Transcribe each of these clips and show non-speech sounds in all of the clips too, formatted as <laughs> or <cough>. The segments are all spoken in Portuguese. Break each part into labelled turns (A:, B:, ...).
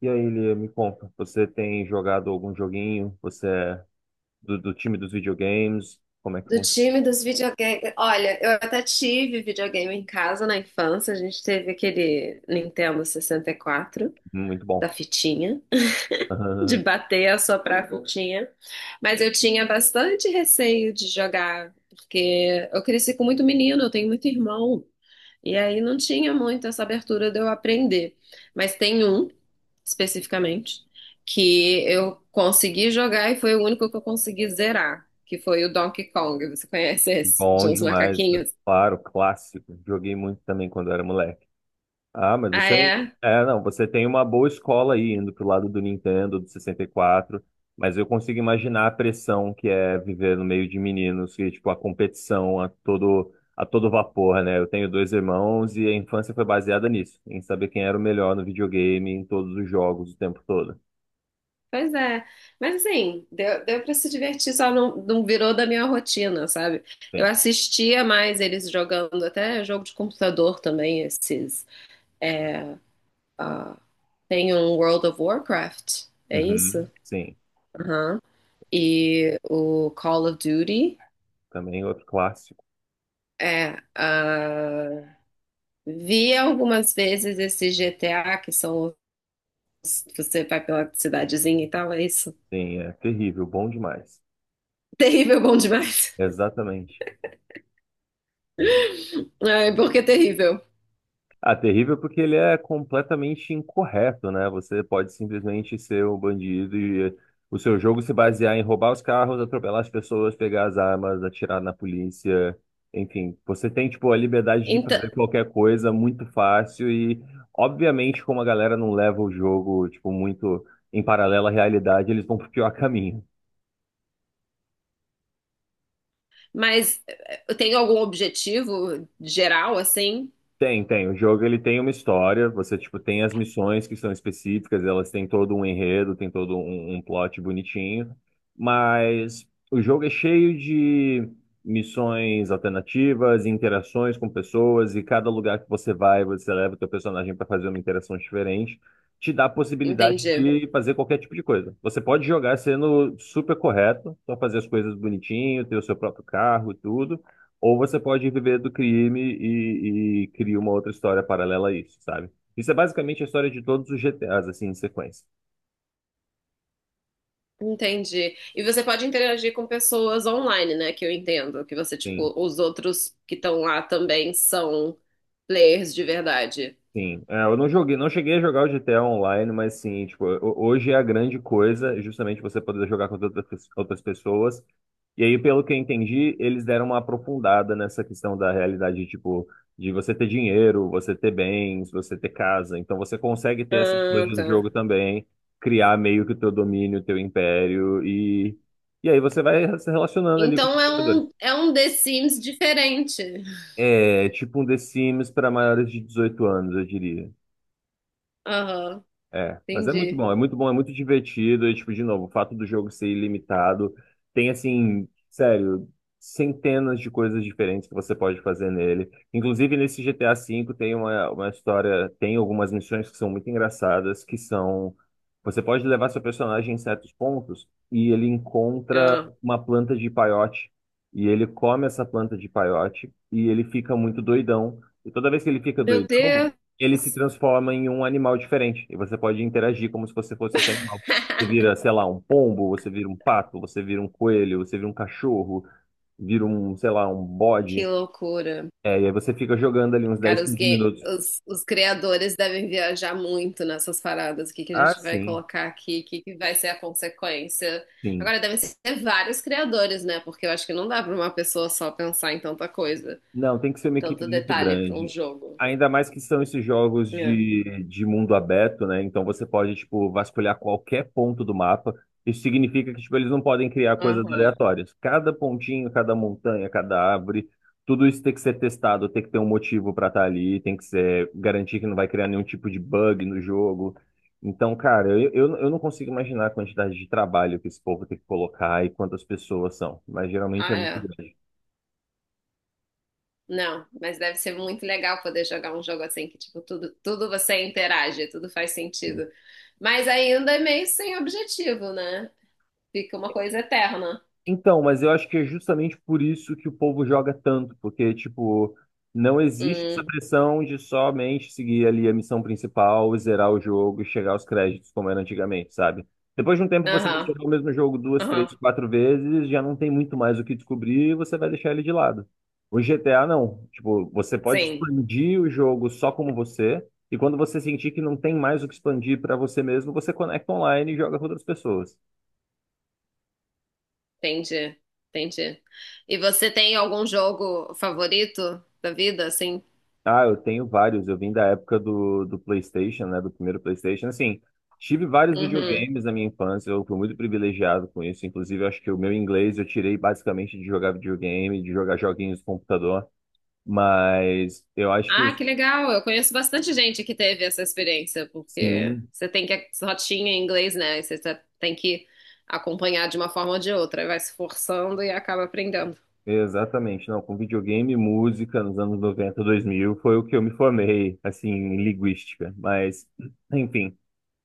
A: E aí, Lia, me conta, você tem jogado algum joguinho? Você é do time dos videogames? Como é que
B: Do
A: funciona?
B: time dos videogames. Olha, eu até tive videogame em casa na infância. A gente teve aquele Nintendo 64
A: Muito
B: da
A: bom.
B: fitinha, <laughs> de
A: <laughs>
B: bater, assoprar a, uhum, fitinha. Mas eu tinha bastante receio de jogar, porque eu cresci com muito menino, eu tenho muito irmão. E aí não tinha muito essa abertura de eu aprender. Mas tem um, especificamente, que eu consegui jogar e foi o único que eu consegui zerar, que foi o Donkey Kong. Você conhece esse? De
A: Bom
B: uns
A: demais, né?
B: macaquinhos?
A: Claro, clássico. Joguei muito também quando era moleque. Ah, mas
B: Ah,
A: você.
B: é?
A: É, não, você tem uma boa escola aí indo pro lado do Nintendo, do 64. Mas eu consigo imaginar a pressão que é viver no meio de meninos, que, tipo, a competição a todo vapor, né? Eu tenho dois irmãos e a infância foi baseada nisso, em saber quem era o melhor no videogame, em todos os jogos, o tempo todo.
B: Pois é. Mas assim, deu pra se divertir, só não virou da minha rotina, sabe? Eu
A: Sim.
B: assistia mais eles jogando, até jogo de computador também, esses. Ah, tem um World of Warcraft, é isso?
A: Uhum, sim.
B: Aham. E o Call of Duty.
A: Também outro clássico.
B: É, ah, vi algumas vezes esse GTA, que são os, você vai pela cidadezinha e tal, é isso.
A: Sim, é terrível, bom demais.
B: <laughs> Terrível, bom demais.
A: Exatamente.
B: <laughs> Ai, porque é terrível.
A: Ah, terrível porque ele é completamente incorreto, né? Você pode simplesmente ser um bandido e o seu jogo se basear em roubar os carros, atropelar as pessoas, pegar as armas, atirar na polícia. Enfim, você tem, tipo, a liberdade de
B: Então,
A: fazer qualquer coisa muito fácil e, obviamente, como a galera não leva o jogo, tipo, muito em paralelo à realidade, eles vão pro pior <laughs> caminho.
B: mas tem algum objetivo geral, assim?
A: Tem, tem. O jogo ele tem uma história. Você tipo tem as missões que são específicas. Elas têm todo um enredo, tem todo um plot bonitinho. Mas o jogo é cheio de missões alternativas, interações com pessoas e cada lugar que você vai, você leva o teu personagem para fazer uma interação diferente. Te dá a possibilidade
B: Entendi.
A: de fazer qualquer tipo de coisa. Você pode jogar sendo super correto, só fazer as coisas bonitinho, ter o seu próprio carro, e tudo. Ou você pode viver do crime e criar uma outra história paralela a isso, sabe? Isso é basicamente a história de todos os GTAs, assim, em sequência.
B: Entendi. E você pode interagir com pessoas online, né? Que eu entendo. Que você,
A: Sim.
B: tipo, os outros que estão lá também são players de verdade.
A: Sim, é, eu não joguei, não cheguei a jogar o GTA Online, mas sim, tipo, hoje é a grande coisa é justamente você poder jogar com outras pessoas. E aí, pelo que eu entendi, eles deram uma aprofundada nessa questão da realidade, tipo, de você ter dinheiro, você ter bens, você ter casa. Então você consegue ter essas
B: Ah,
A: coisas no
B: tá.
A: jogo também, criar meio que o teu domínio, o teu império, e aí você vai se relacionando ali com os
B: Então é
A: jogadores.
B: um, é um The Sims diferente.
A: É tipo um The Sims para maiores de 18 anos, eu diria.
B: Aham,
A: É, mas é muito
B: entendi.
A: bom, é muito bom, é muito divertido. E, tipo, de novo, o fato do jogo ser ilimitado. Tem, assim, sério, centenas de coisas diferentes que você pode fazer nele. Inclusive, nesse GTA V tem uma história, tem algumas missões que são muito engraçadas, que são... Você pode levar seu personagem em certos pontos e ele encontra
B: Ah,
A: uma planta de peiote. E ele come essa planta de peiote e ele fica muito doidão. E toda vez que ele fica
B: Meu
A: doidão,
B: Deus,
A: ele se transforma em um animal diferente e você pode interagir como se você fosse esse animal. Você
B: <laughs>
A: vira, sei lá, um pombo, você vira um pato, você vira um coelho, você vira um cachorro, vira um, sei lá, um
B: que
A: bode.
B: loucura.
A: É, e aí você fica jogando ali uns 10,
B: Cara, os,
A: 15
B: game,
A: minutos.
B: os, os criadores devem viajar muito nessas paradas. O que que a
A: Ah,
B: gente vai
A: sim,
B: colocar aqui? O que que vai ser a consequência?
A: sim.
B: Agora, devem ser vários criadores, né? Porque eu acho que não dá para uma pessoa só pensar em tanta coisa,
A: Não, tem que ser uma equipe
B: tanto
A: muito
B: detalhe para um
A: grande.
B: jogo.
A: Ainda mais que são esses jogos
B: É.
A: de mundo aberto, né? Então você pode, tipo, vasculhar qualquer ponto do mapa. Isso significa que, tipo, eles não podem criar coisas
B: Aham.
A: aleatórias. Cada pontinho, cada montanha, cada árvore, tudo isso tem que ser testado, tem que ter um motivo para estar ali, tem que ser garantir que não vai criar nenhum tipo de bug no jogo. Então, cara, eu não consigo imaginar a quantidade de trabalho que esse povo tem que colocar e quantas pessoas são, mas geralmente é
B: Ah,
A: muito
B: é.
A: grande.
B: Não, mas deve ser muito legal poder jogar um jogo assim que, tipo, tudo, tudo você interage, tudo faz sentido. Mas ainda é meio sem objetivo, né? Fica uma coisa eterna.
A: Então, mas eu acho que é justamente por isso que o povo joga tanto, porque, tipo, não existe essa
B: Hum,
A: pressão de somente seguir ali a missão principal, zerar o jogo e chegar aos créditos, como era antigamente, sabe? Depois de um tempo você vai
B: aham,
A: zerar o mesmo jogo duas,
B: aham.
A: três, quatro vezes, já não tem muito mais o que descobrir e você vai deixar ele de lado. O GTA não. Tipo, você pode
B: Sim,
A: expandir o jogo só como você, e quando você sentir que não tem mais o que expandir para você mesmo, você conecta online e joga com outras pessoas.
B: entendi, entendi. E você tem algum jogo favorito da vida, assim?
A: Ah, eu tenho vários. Eu vim da época do PlayStation, né? Do primeiro PlayStation. Assim, tive vários
B: Uhum.
A: videogames na minha infância. Eu fui muito privilegiado com isso. Inclusive, eu acho que o meu inglês eu tirei basicamente de jogar videogame, de jogar joguinhos no computador. Mas eu acho que
B: Ah,
A: os-.
B: que legal! Eu conheço bastante gente que teve essa experiência, porque
A: Sim,
B: você tem que rotinha em inglês, né? E você tem que acompanhar de uma forma ou de outra. Aí vai se forçando e acaba aprendendo.
A: exatamente. Não, com videogame e música nos anos 90, 2000 foi o que eu me formei, assim, em linguística. Mas, <clears throat> enfim.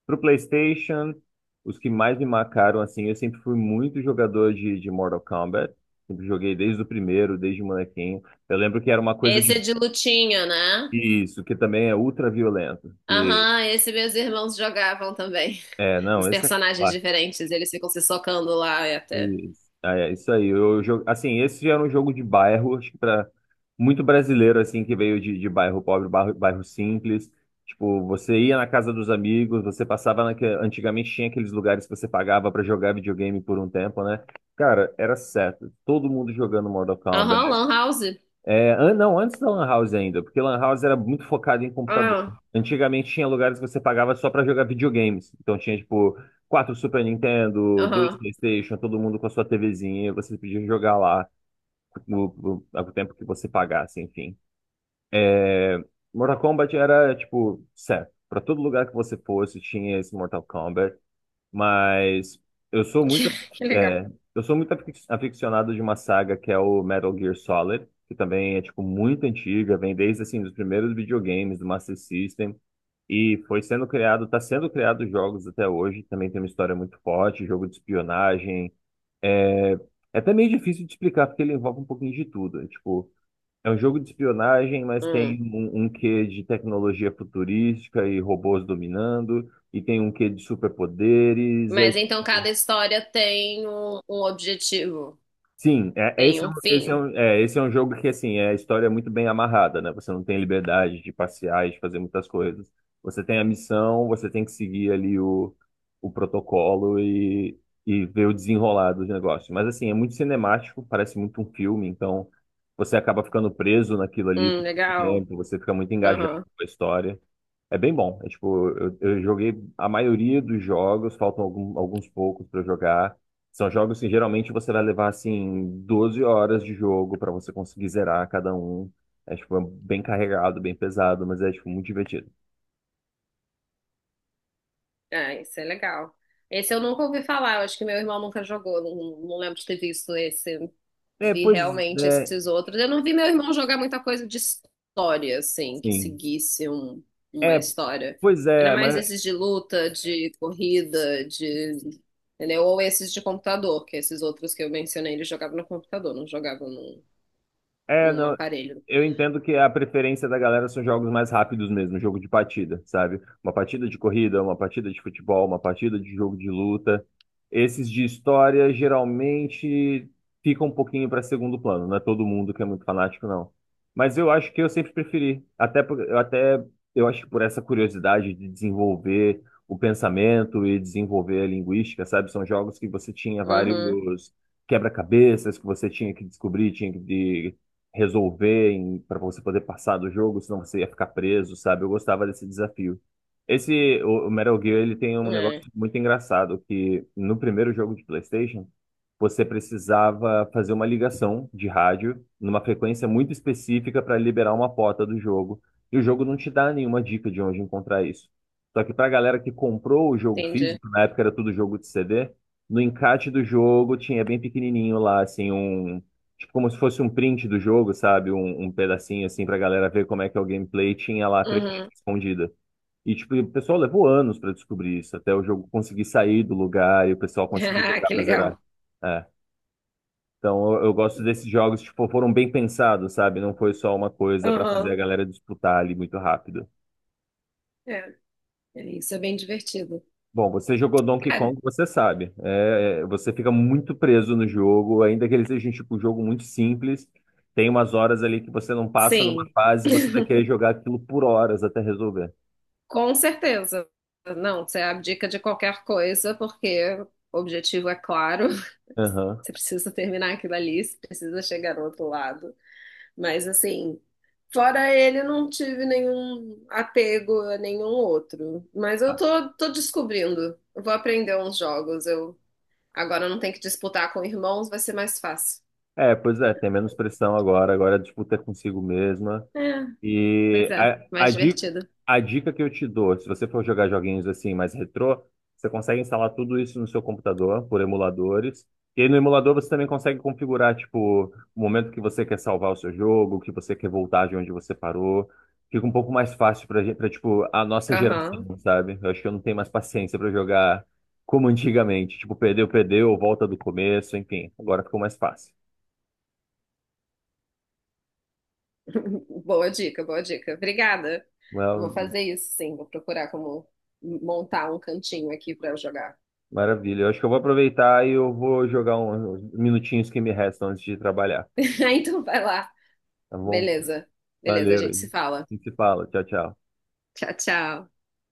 A: Pro PlayStation, os que mais me marcaram, assim, eu sempre fui muito jogador de Mortal Kombat. Sempre joguei desde o primeiro, desde molequinho. Eu lembro que era uma coisa
B: Esse
A: de
B: é de lutinha, né?
A: isso, que também é ultra violento. Que,
B: Aham, esse meus irmãos jogavam também. <laughs>
A: é, não,
B: Dos
A: esse é
B: personagens diferentes, eles ficam se socando lá e até.
A: isso. Ah, é isso aí. Eu, assim, esse já era um jogo de bairro, acho que para muito brasileiro assim que veio de bairro pobre, bairro, bairro simples. Tipo, você ia na casa dos amigos, você passava antigamente tinha aqueles lugares que você pagava para jogar videogame por um tempo, né? Cara, era certo. Todo mundo jogando Mortal Kombat.
B: Aham, Lan House.
A: É, não, antes da Lan House ainda, porque Lan House era muito focado em computador.
B: Ah,
A: Antigamente tinha lugares que você pagava só pra jogar videogames. Então tinha, tipo, quatro Super Nintendo, dois
B: aham. <laughs>
A: PlayStation, todo mundo com a sua TVzinha, você podia jogar lá no, no, ao tempo que você pagasse, enfim. Mortal Kombat era, tipo, certo. Pra todo lugar que você fosse, tinha esse Mortal Kombat. Mas eu sou
B: Que,
A: muito,
B: que legal.
A: é, aficionado de uma saga que é o Metal Gear Solid, que também é tipo muito antiga, vem desde assim dos primeiros videogames do Master System e foi sendo criado, está sendo criado jogos até hoje. Também tem uma história muito forte, jogo de espionagem. É até meio difícil de explicar porque ele envolve um pouquinho de tudo. É, tipo, é um jogo de espionagem, mas
B: Hum.
A: tem um quê de tecnologia futurística e robôs dominando. E tem um quê de superpoderes, é
B: Mas então
A: tipo.
B: cada história tem um objetivo,
A: Sim,
B: tem um
A: é
B: fim.
A: um, é, esse é um jogo que, assim, a história é muito bem amarrada, né? Você não tem liberdade de passear e de fazer muitas coisas. Você tem a missão, você tem que seguir ali o protocolo e ver o desenrolar dos negócios. Mas, assim, é muito cinemático, parece muito um filme, então você acaba ficando preso naquilo ali por muito
B: Legal.
A: tempo, você fica muito engajado
B: Aham.
A: com a história. É bem bom. É tipo, eu joguei a maioria dos jogos, faltam alguns poucos pra jogar. São jogos que geralmente você vai levar assim 12 horas de jogo pra você conseguir zerar cada um. É tipo é bem carregado, bem pesado, mas é tipo muito divertido.
B: É, isso é legal. Esse eu nunca ouvi falar, eu acho que meu irmão nunca jogou, não, não lembro de ter visto esse.
A: É,
B: Vi
A: pois
B: realmente
A: é,
B: esses outros. Eu não vi meu irmão jogar muita coisa de história, assim, que
A: sim.
B: seguisse uma
A: É,
B: história.
A: pois
B: Era
A: é,
B: mais
A: mas
B: esses de luta, de corrida, de. Entendeu? Ou esses de computador, que esses outros que eu mencionei, eles jogavam no computador, não jogavam num,
A: é,
B: num
A: não,
B: aparelho.
A: eu entendo que a preferência da galera são jogos mais rápidos mesmo, jogo de partida, sabe? Uma partida de corrida, uma partida de futebol, uma partida de jogo de luta. Esses de história geralmente ficam um pouquinho para segundo plano, não é todo mundo que é muito fanático, não. Mas eu acho que eu sempre preferi, até por- eu até eu acho que por essa curiosidade de desenvolver o pensamento e desenvolver a linguística, sabe? São jogos que você tinha
B: Uhum,
A: vários quebra-cabeças que você tinha que descobrir, tinha que resolver para você poder passar do jogo, senão você ia ficar preso, sabe? Eu gostava desse desafio. Esse, o Metal Gear, ele tem um negócio
B: é,
A: muito engraçado, que no primeiro jogo de PlayStation, você precisava fazer uma ligação de rádio numa frequência muito específica para liberar uma porta do jogo. E o jogo não te dá nenhuma dica de onde encontrar isso. Só que para a galera que comprou o jogo
B: entendi.
A: físico, na época era tudo jogo de CD, no encarte do jogo tinha bem pequenininho lá, assim, um. Tipo, como se fosse um print do jogo, sabe? Um pedacinho assim pra galera ver como é que é o gameplay, tinha lá a trequinha
B: Uhum.
A: escondida. E tipo, o pessoal levou anos pra descobrir isso, até o jogo conseguir sair do lugar e o pessoal
B: <laughs>
A: conseguir
B: Ah,
A: jogar
B: que
A: pra
B: legal.
A: zerar. É. Então eu gosto desses jogos, tipo, foram bem pensados, sabe? Não foi só uma coisa pra fazer
B: Uhum.
A: a galera disputar ali muito rápido.
B: É. Isso é bem divertido.
A: Bom, você jogou Donkey
B: Cara,
A: Kong, você sabe. Você fica muito preso no jogo, ainda que ele seja um tipo, um jogo muito simples. Tem umas horas ali que você não passa numa
B: sim,
A: fase e você vai querer jogar aquilo por horas até resolver.
B: com certeza. Não, você abdica de qualquer coisa, porque o objetivo é claro. <laughs>
A: Aham.
B: Você precisa terminar aquilo ali, você precisa chegar ao outro lado. Mas, assim, fora ele, não tive nenhum apego a nenhum outro. Mas eu
A: Ah,
B: tô descobrindo. Eu vou aprender uns jogos. Eu agora eu não tenho que disputar com irmãos, vai ser mais fácil.
A: é, pois é, tem menos pressão agora, a disputa é consigo mesma.
B: É, pois
A: E
B: é,
A: a, a
B: mais
A: dica,
B: divertido.
A: a dica que eu te dou, se você for jogar joguinhos assim mais retrô, você consegue instalar tudo isso no seu computador por emuladores. E aí no emulador você também consegue configurar, tipo, o momento que você quer salvar o seu jogo, que você quer voltar de onde você parou. Fica um pouco mais fácil pra gente, pra, tipo, a nossa
B: Aham.
A: geração, sabe? Eu acho que eu não tenho mais paciência pra jogar como antigamente. Tipo, perdeu, perdeu, volta do começo, enfim. Agora ficou mais fácil.
B: <laughs> Boa dica, boa dica. Obrigada. Vou fazer isso, sim. Vou procurar como montar um cantinho aqui para eu jogar.
A: Maravilha. Eu acho que eu vou aproveitar e eu vou jogar uns minutinhos que me restam antes de trabalhar.
B: <laughs> Então vai lá.
A: Tá bom?
B: Beleza. Beleza, a
A: Valeu. A
B: gente se fala.
A: gente se fala. Tchau, tchau.
B: Tchau, tchau.